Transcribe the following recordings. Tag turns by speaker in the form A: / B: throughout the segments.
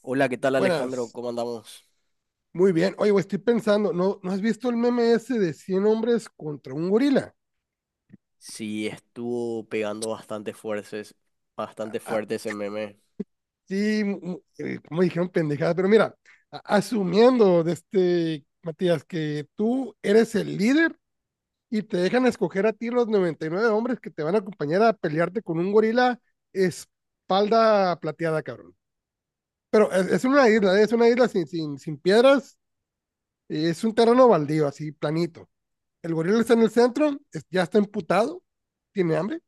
A: Hola, ¿qué tal, Alejandro?
B: Buenas.
A: ¿Cómo andamos?
B: Muy bien. Oye, güey, estoy pensando, ¿no has visto el meme ese de 100 hombres contra un gorila?
A: Sí, estuvo pegando bastante fuertes, bastante
B: Ah,
A: fuerte ese meme.
B: sí, como dijeron pendejadas, pero mira, asumiendo de Matías, que tú eres el líder y te dejan escoger a ti los 99 hombres que te van a acompañar a pelearte con un gorila espalda plateada, cabrón. Pero es una isla, ¿eh? Es una isla sin piedras, es un terreno baldío, así, planito. El gorila está en el centro, ya está emputado, tiene hambre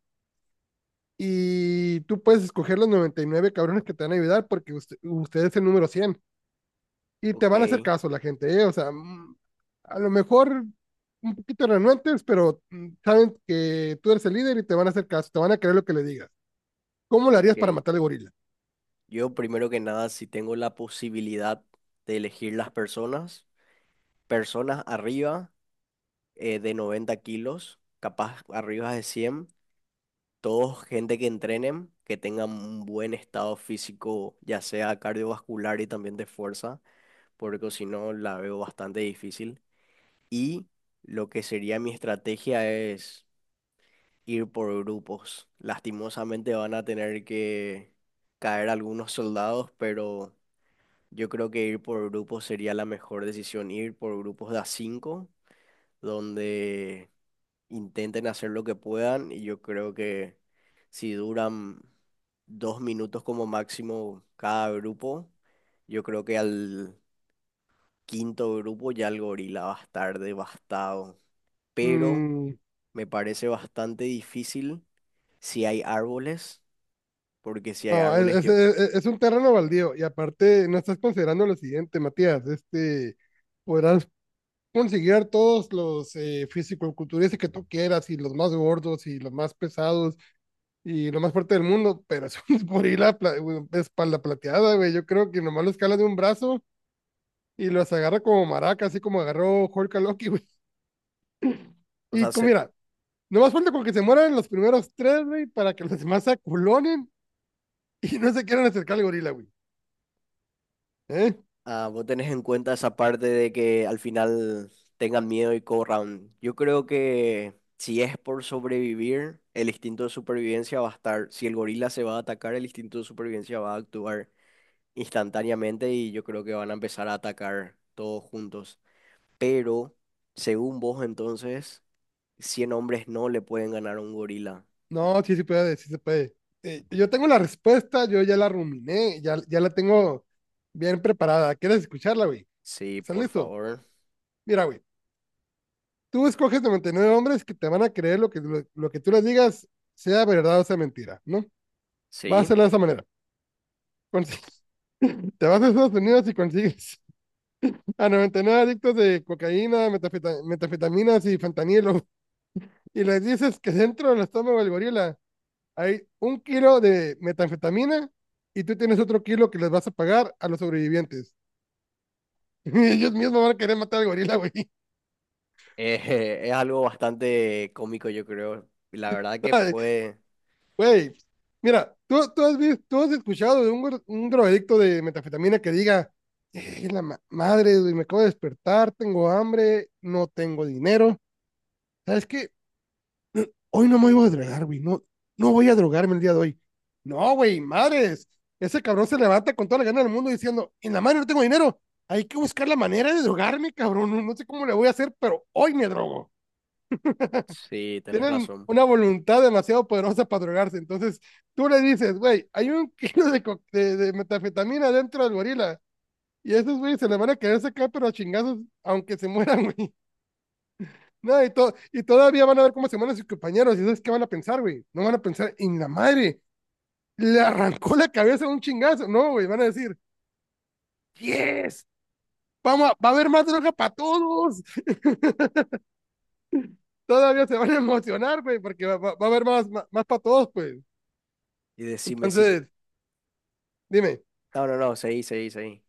B: y tú puedes escoger los 99 cabrones que te van a ayudar porque usted es el número 100 y te van a
A: Ok,
B: hacer caso la gente, ¿eh? O sea, a lo mejor un poquito renuentes, pero saben que tú eres el líder y te van a hacer caso, te van a creer lo que le digas. ¿Cómo lo harías para
A: ok.
B: matar al gorila?
A: Yo, primero que nada, si tengo la posibilidad de elegir las personas, personas arriba de 90 kilos, capaz arriba de 100, todos gente que entrenen, que tengan un buen estado físico, ya sea cardiovascular y también de fuerza, porque si no la veo bastante difícil. Y lo que sería mi estrategia es ir por grupos. Lastimosamente van a tener que caer algunos soldados, pero yo creo que ir por grupos sería la mejor decisión. Ir por grupos de a 5, donde intenten hacer lo que puedan. Y yo creo que si duran dos minutos como máximo cada grupo, yo creo que al quinto grupo ya el gorila va a estar devastado. Pero
B: Mm,
A: me parece bastante difícil si hay árboles, porque si hay
B: no, es,
A: árboles
B: es-
A: yo.
B: es- es un terreno baldío y aparte no estás considerando lo siguiente, Matías, podrás conseguir a todos los fisicoculturistas que tú quieras y los más gordos y los más pesados y lo más fuerte del mundo, pero es un gorila güey, espalda plateada, güey. Yo creo que nomás lo escala de un brazo y los agarra como maraca, así como agarró Hulk a Loki, güey.
A: O
B: Y
A: sea, se-
B: mira, nomás falta con que se mueran los primeros tres, güey, para que los demás se aculonen y no se quieran acercar al gorila, güey. ¿Eh?
A: ah, vos tenés en cuenta esa parte de que al final tengan miedo y corran. Yo creo que si es por sobrevivir, el instinto de supervivencia va a estar. Si el gorila se va a atacar, el instinto de supervivencia va a actuar instantáneamente y yo creo que van a empezar a atacar todos juntos. Pero, según vos entonces, 100 hombres no le pueden ganar a un gorila.
B: No, sí puede, sí se puede. Yo tengo la respuesta, yo ya la ruminé, ya la tengo bien preparada. ¿Quieres escucharla, güey?
A: Sí,
B: ¿Estás
A: por
B: listo?
A: favor.
B: Mira, güey. Tú escoges 99 hombres que te van a creer lo que tú les digas, sea verdad o sea mentira, ¿no? Vas a
A: Sí,
B: hacerlo de esa manera. Consigues- te vas a Estados Unidos y consigues a 99 adictos de cocaína, metafetaminas y fentanilo y les dices que dentro del estómago del gorila hay un kilo de metanfetamina y tú tienes otro kilo que les vas a pagar a los sobrevivientes. Y ellos mismos van a querer matar al gorila, güey.
A: es algo bastante cómico, yo creo. Y la verdad que puede,
B: Güey, mira, ¿tú has visto, tú has escuchado de un drogadicto de metafetamina que diga, la madre, güey, me acabo de despertar, tengo hambre, no tengo dinero. ¿Sabes qué? Hoy no me voy a drogar, güey, no, no voy a drogarme el día de hoy. No, güey, madres, ese cabrón se levanta con toda la gana del mundo diciendo, en la madre no tengo dinero, hay que buscar la manera de drogarme, cabrón, no, no sé cómo le voy a hacer, pero hoy me drogo.
A: sí, tenés
B: Tienen
A: razón.
B: una voluntad demasiado poderosa para drogarse. Entonces, tú le dices, güey, hay un kilo de metafetamina dentro del gorila. Y esos, güey, se le van a querer sacar, pero a chingazos, aunque se mueran, güey. No, y todavía van a ver cómo se mueren sus compañeros. ¿Y sabes qué van a pensar, güey? No van a pensar, en la madre, le arrancó la cabeza a un chingazo. No, güey, van a decir, yes, vamos a- va a haber más droga para todos. Todavía se van a emocionar, güey, porque va a haber más, más, más para todos, pues.
A: Y decime si te...
B: Entonces, dime.
A: No, no, no, seguí, seguí, seguí.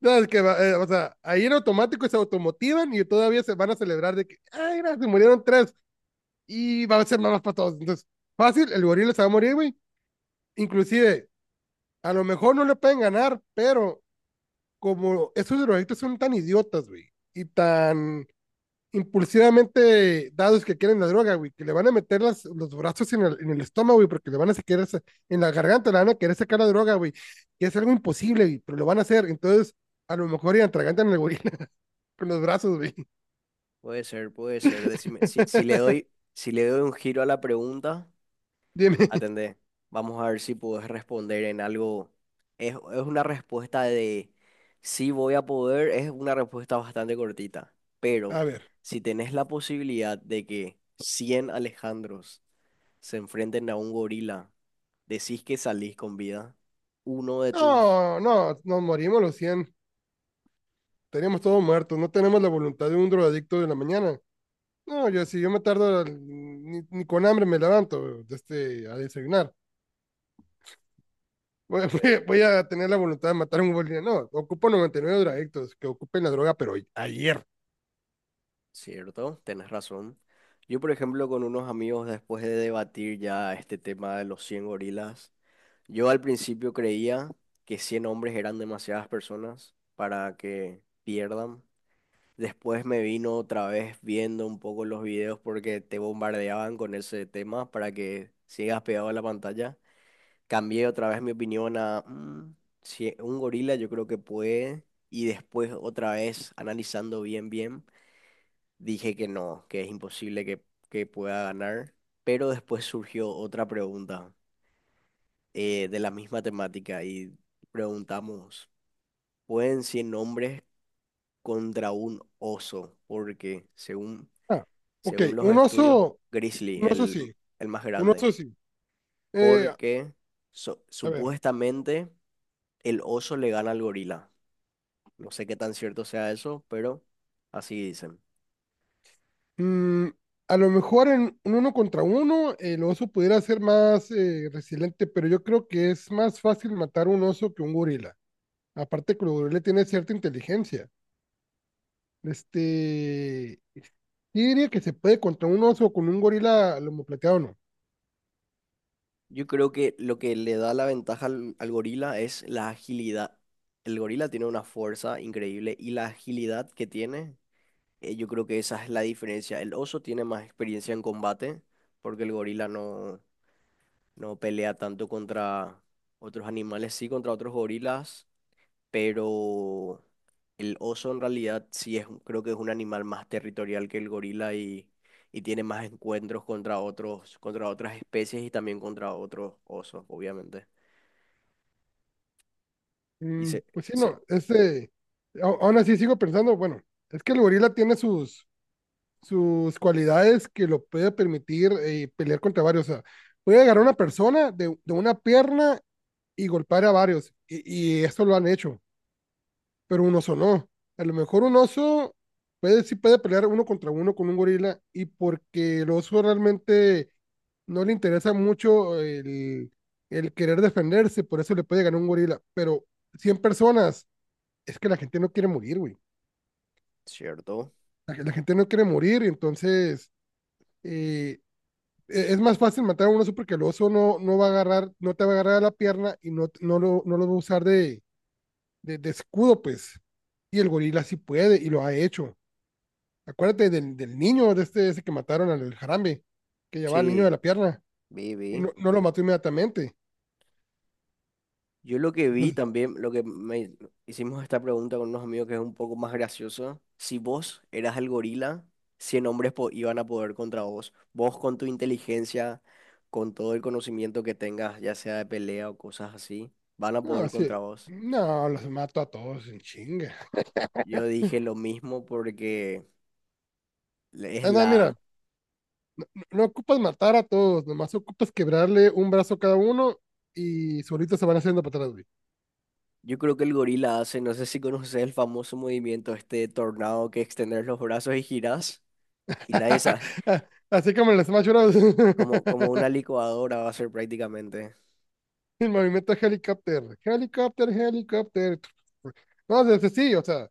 B: No, es que, o sea, ahí en automático se automotivan y todavía se van a celebrar de que, ay, mira, se murieron tres y va a ser más para todos. Entonces, fácil, el gorila se va a morir, güey. Inclusive, a lo mejor no le pueden ganar, pero como esos drogadictos son tan idiotas, güey, y tan impulsivamente dados que quieren la droga, güey, que le van a meter los brazos en el estómago, güey, porque le van a sacar en la garganta, le van a querer sacar la droga, güey, que es algo imposible, güey, pero lo van a hacer. Entonces, a lo mejor y atragantan al gorila con los brazos, güey.
A: Puede ser, puede ser. Decime, si le doy, si le doy un giro a la pregunta,
B: Dime,
A: atendé. Vamos a ver si puedes responder en algo. Es una respuesta de sí voy a poder, es una respuesta bastante cortita. Pero
B: a ver.
A: si tenés la posibilidad de que 100 Alejandros se enfrenten a un gorila, decís que salís con vida, uno de tus...
B: No, no, nos morimos los 100. Teníamos todos muertos. No tenemos la voluntad de un drogadicto de la mañana. No, yo si yo me tardo, ni con hambre me levanto a desayunar. Voy,
A: eh,
B: voy a tener la voluntad de matar a un boliviano. No, ocupo 99 drogadictos que ocupen la droga, pero ayer.
A: cierto, tenés razón. Yo, por ejemplo, con unos amigos, después de debatir ya este tema de los 100 gorilas, yo al principio creía que 100 hombres eran demasiadas personas para que pierdan. Después me vino otra vez viendo un poco los videos porque te bombardeaban con ese tema para que sigas pegado a la pantalla. Cambié otra vez mi opinión a "Mm, si un gorila yo creo que puede". Y después otra vez analizando bien, bien, dije que no, que es imposible que pueda ganar. Pero después surgió otra pregunta, de la misma temática, y preguntamos, ¿pueden cien hombres contra un oso? Porque según,
B: Ah, ok,
A: según los estudios, Grizzly,
B: un oso sí,
A: el más
B: un
A: grande,
B: oso sí. Eh,
A: porque so-
B: a ver,
A: supuestamente el oso le gana al gorila. No sé qué tan cierto sea eso, pero así dicen.
B: Mm, a lo mejor en un uno contra uno el oso pudiera ser más resiliente, pero yo creo que es más fácil matar un oso que un gorila. Aparte que el gorila tiene cierta inteligencia. Este, yo diría que se puede contra un oso o con un gorila lomo plateado, ¿no?
A: Yo creo que lo que le da la ventaja al, al gorila es la agilidad. El gorila tiene una fuerza increíble y la agilidad que tiene, yo creo que esa es la diferencia. El oso tiene más experiencia en combate porque el gorila no, no pelea tanto contra otros animales, sí contra otros gorilas. Pero el oso en realidad sí es, un- creo que es un animal más territorial que el gorila y tiene más encuentros contra otros, contra otras especies y también contra otros osos, obviamente. Y se,
B: Pues sí,
A: se,
B: no, aún así sigo pensando, bueno, es que el gorila tiene sus cualidades que lo puede permitir pelear contra varios. O sea, puede agarrar a una persona de una pierna y golpear a varios. Y esto lo han hecho, pero un oso no. A lo mejor un oso puede, sí puede pelear uno contra uno con un gorila y porque el oso realmente no le interesa mucho el querer defenderse, por eso le puede ganar un gorila. Pero 100 personas, es que la gente no quiere morir, güey.
A: ¿cierto?
B: La gente no quiere morir, entonces eh, es más fácil matar a un oso porque el oso no, no va a agarrar, no te va a agarrar a la pierna y no, no lo va a usar de escudo, pues. Y el gorila sí puede y lo ha hecho. Acuérdate del niño, de este ese que mataron al jarambe, que llevaba al niño de
A: Sí,
B: la pierna
A: vi,
B: y
A: vi.
B: no, no lo mató inmediatamente.
A: Yo lo que vi
B: Entonces,
A: también, lo que me hicimos esta pregunta con unos amigos que es un poco más gracioso. Si vos eras el gorila, 100 hombres po- iban a poder contra vos. Vos con tu inteligencia, con todo el conocimiento que tengas, ya sea de pelea o cosas así, van a
B: no,
A: poder
B: sí,
A: contra vos.
B: no, los mato a todos en chinga.
A: Yo dije lo mismo porque le- es
B: Ah, no,
A: la...
B: mira, no ocupas matar a todos, nomás ocupas quebrarle un brazo a cada uno y solitos se van haciendo para atrás, güey.
A: Yo creo que el gorila hace, no sé si conoces el famoso movimiento este de tornado que extender los brazos y girás y nadie sabe,
B: Así como en el Smash Bros.
A: como, como una licuadora va a ser prácticamente.
B: El movimiento helicóptero. Helicóptero, helicóptero. No, es sí, o sea,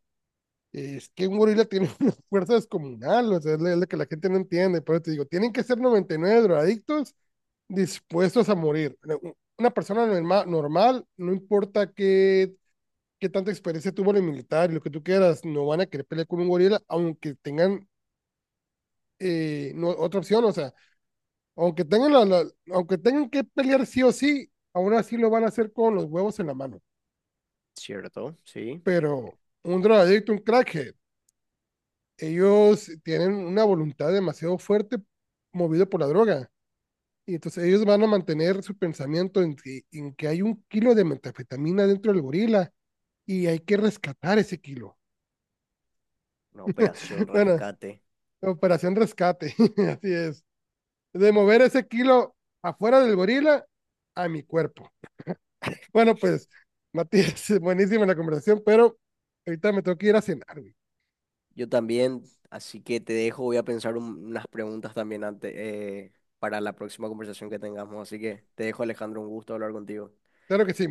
B: es que un gorila tiene una fuerza descomunal, o sea, es lo que la gente no entiende. Por eso te digo, tienen que ser 99 drogadictos dispuestos a morir. Una persona normal, normal no importa qué, tanta experiencia tuvo en el militar y lo que tú quieras, no van a querer pelear con un gorila, aunque tengan no, otra opción, o sea, aunque tengan, la, la, aunque tengan que pelear sí o sí, aún así lo van a hacer con los huevos en la mano.
A: Cierto, sí.
B: Pero un drogadicto, un crack, ellos tienen una voluntad demasiado fuerte movida por la droga. Y entonces ellos van a mantener su pensamiento en que hay un kilo de metanfetamina dentro del gorila y hay que rescatar ese kilo.
A: Una operación
B: Bueno,
A: rescate.
B: operación rescate, así es. De mover ese kilo afuera del gorila a mi cuerpo. Bueno, pues, Matías, buenísima la conversación, pero ahorita me tengo que ir a cenar, güey.
A: Yo también, así que te dejo, voy a pensar un- unas preguntas también antes, para la próxima conversación que tengamos. Así que te dejo, Alejandro, un gusto hablar contigo.
B: Claro que sí.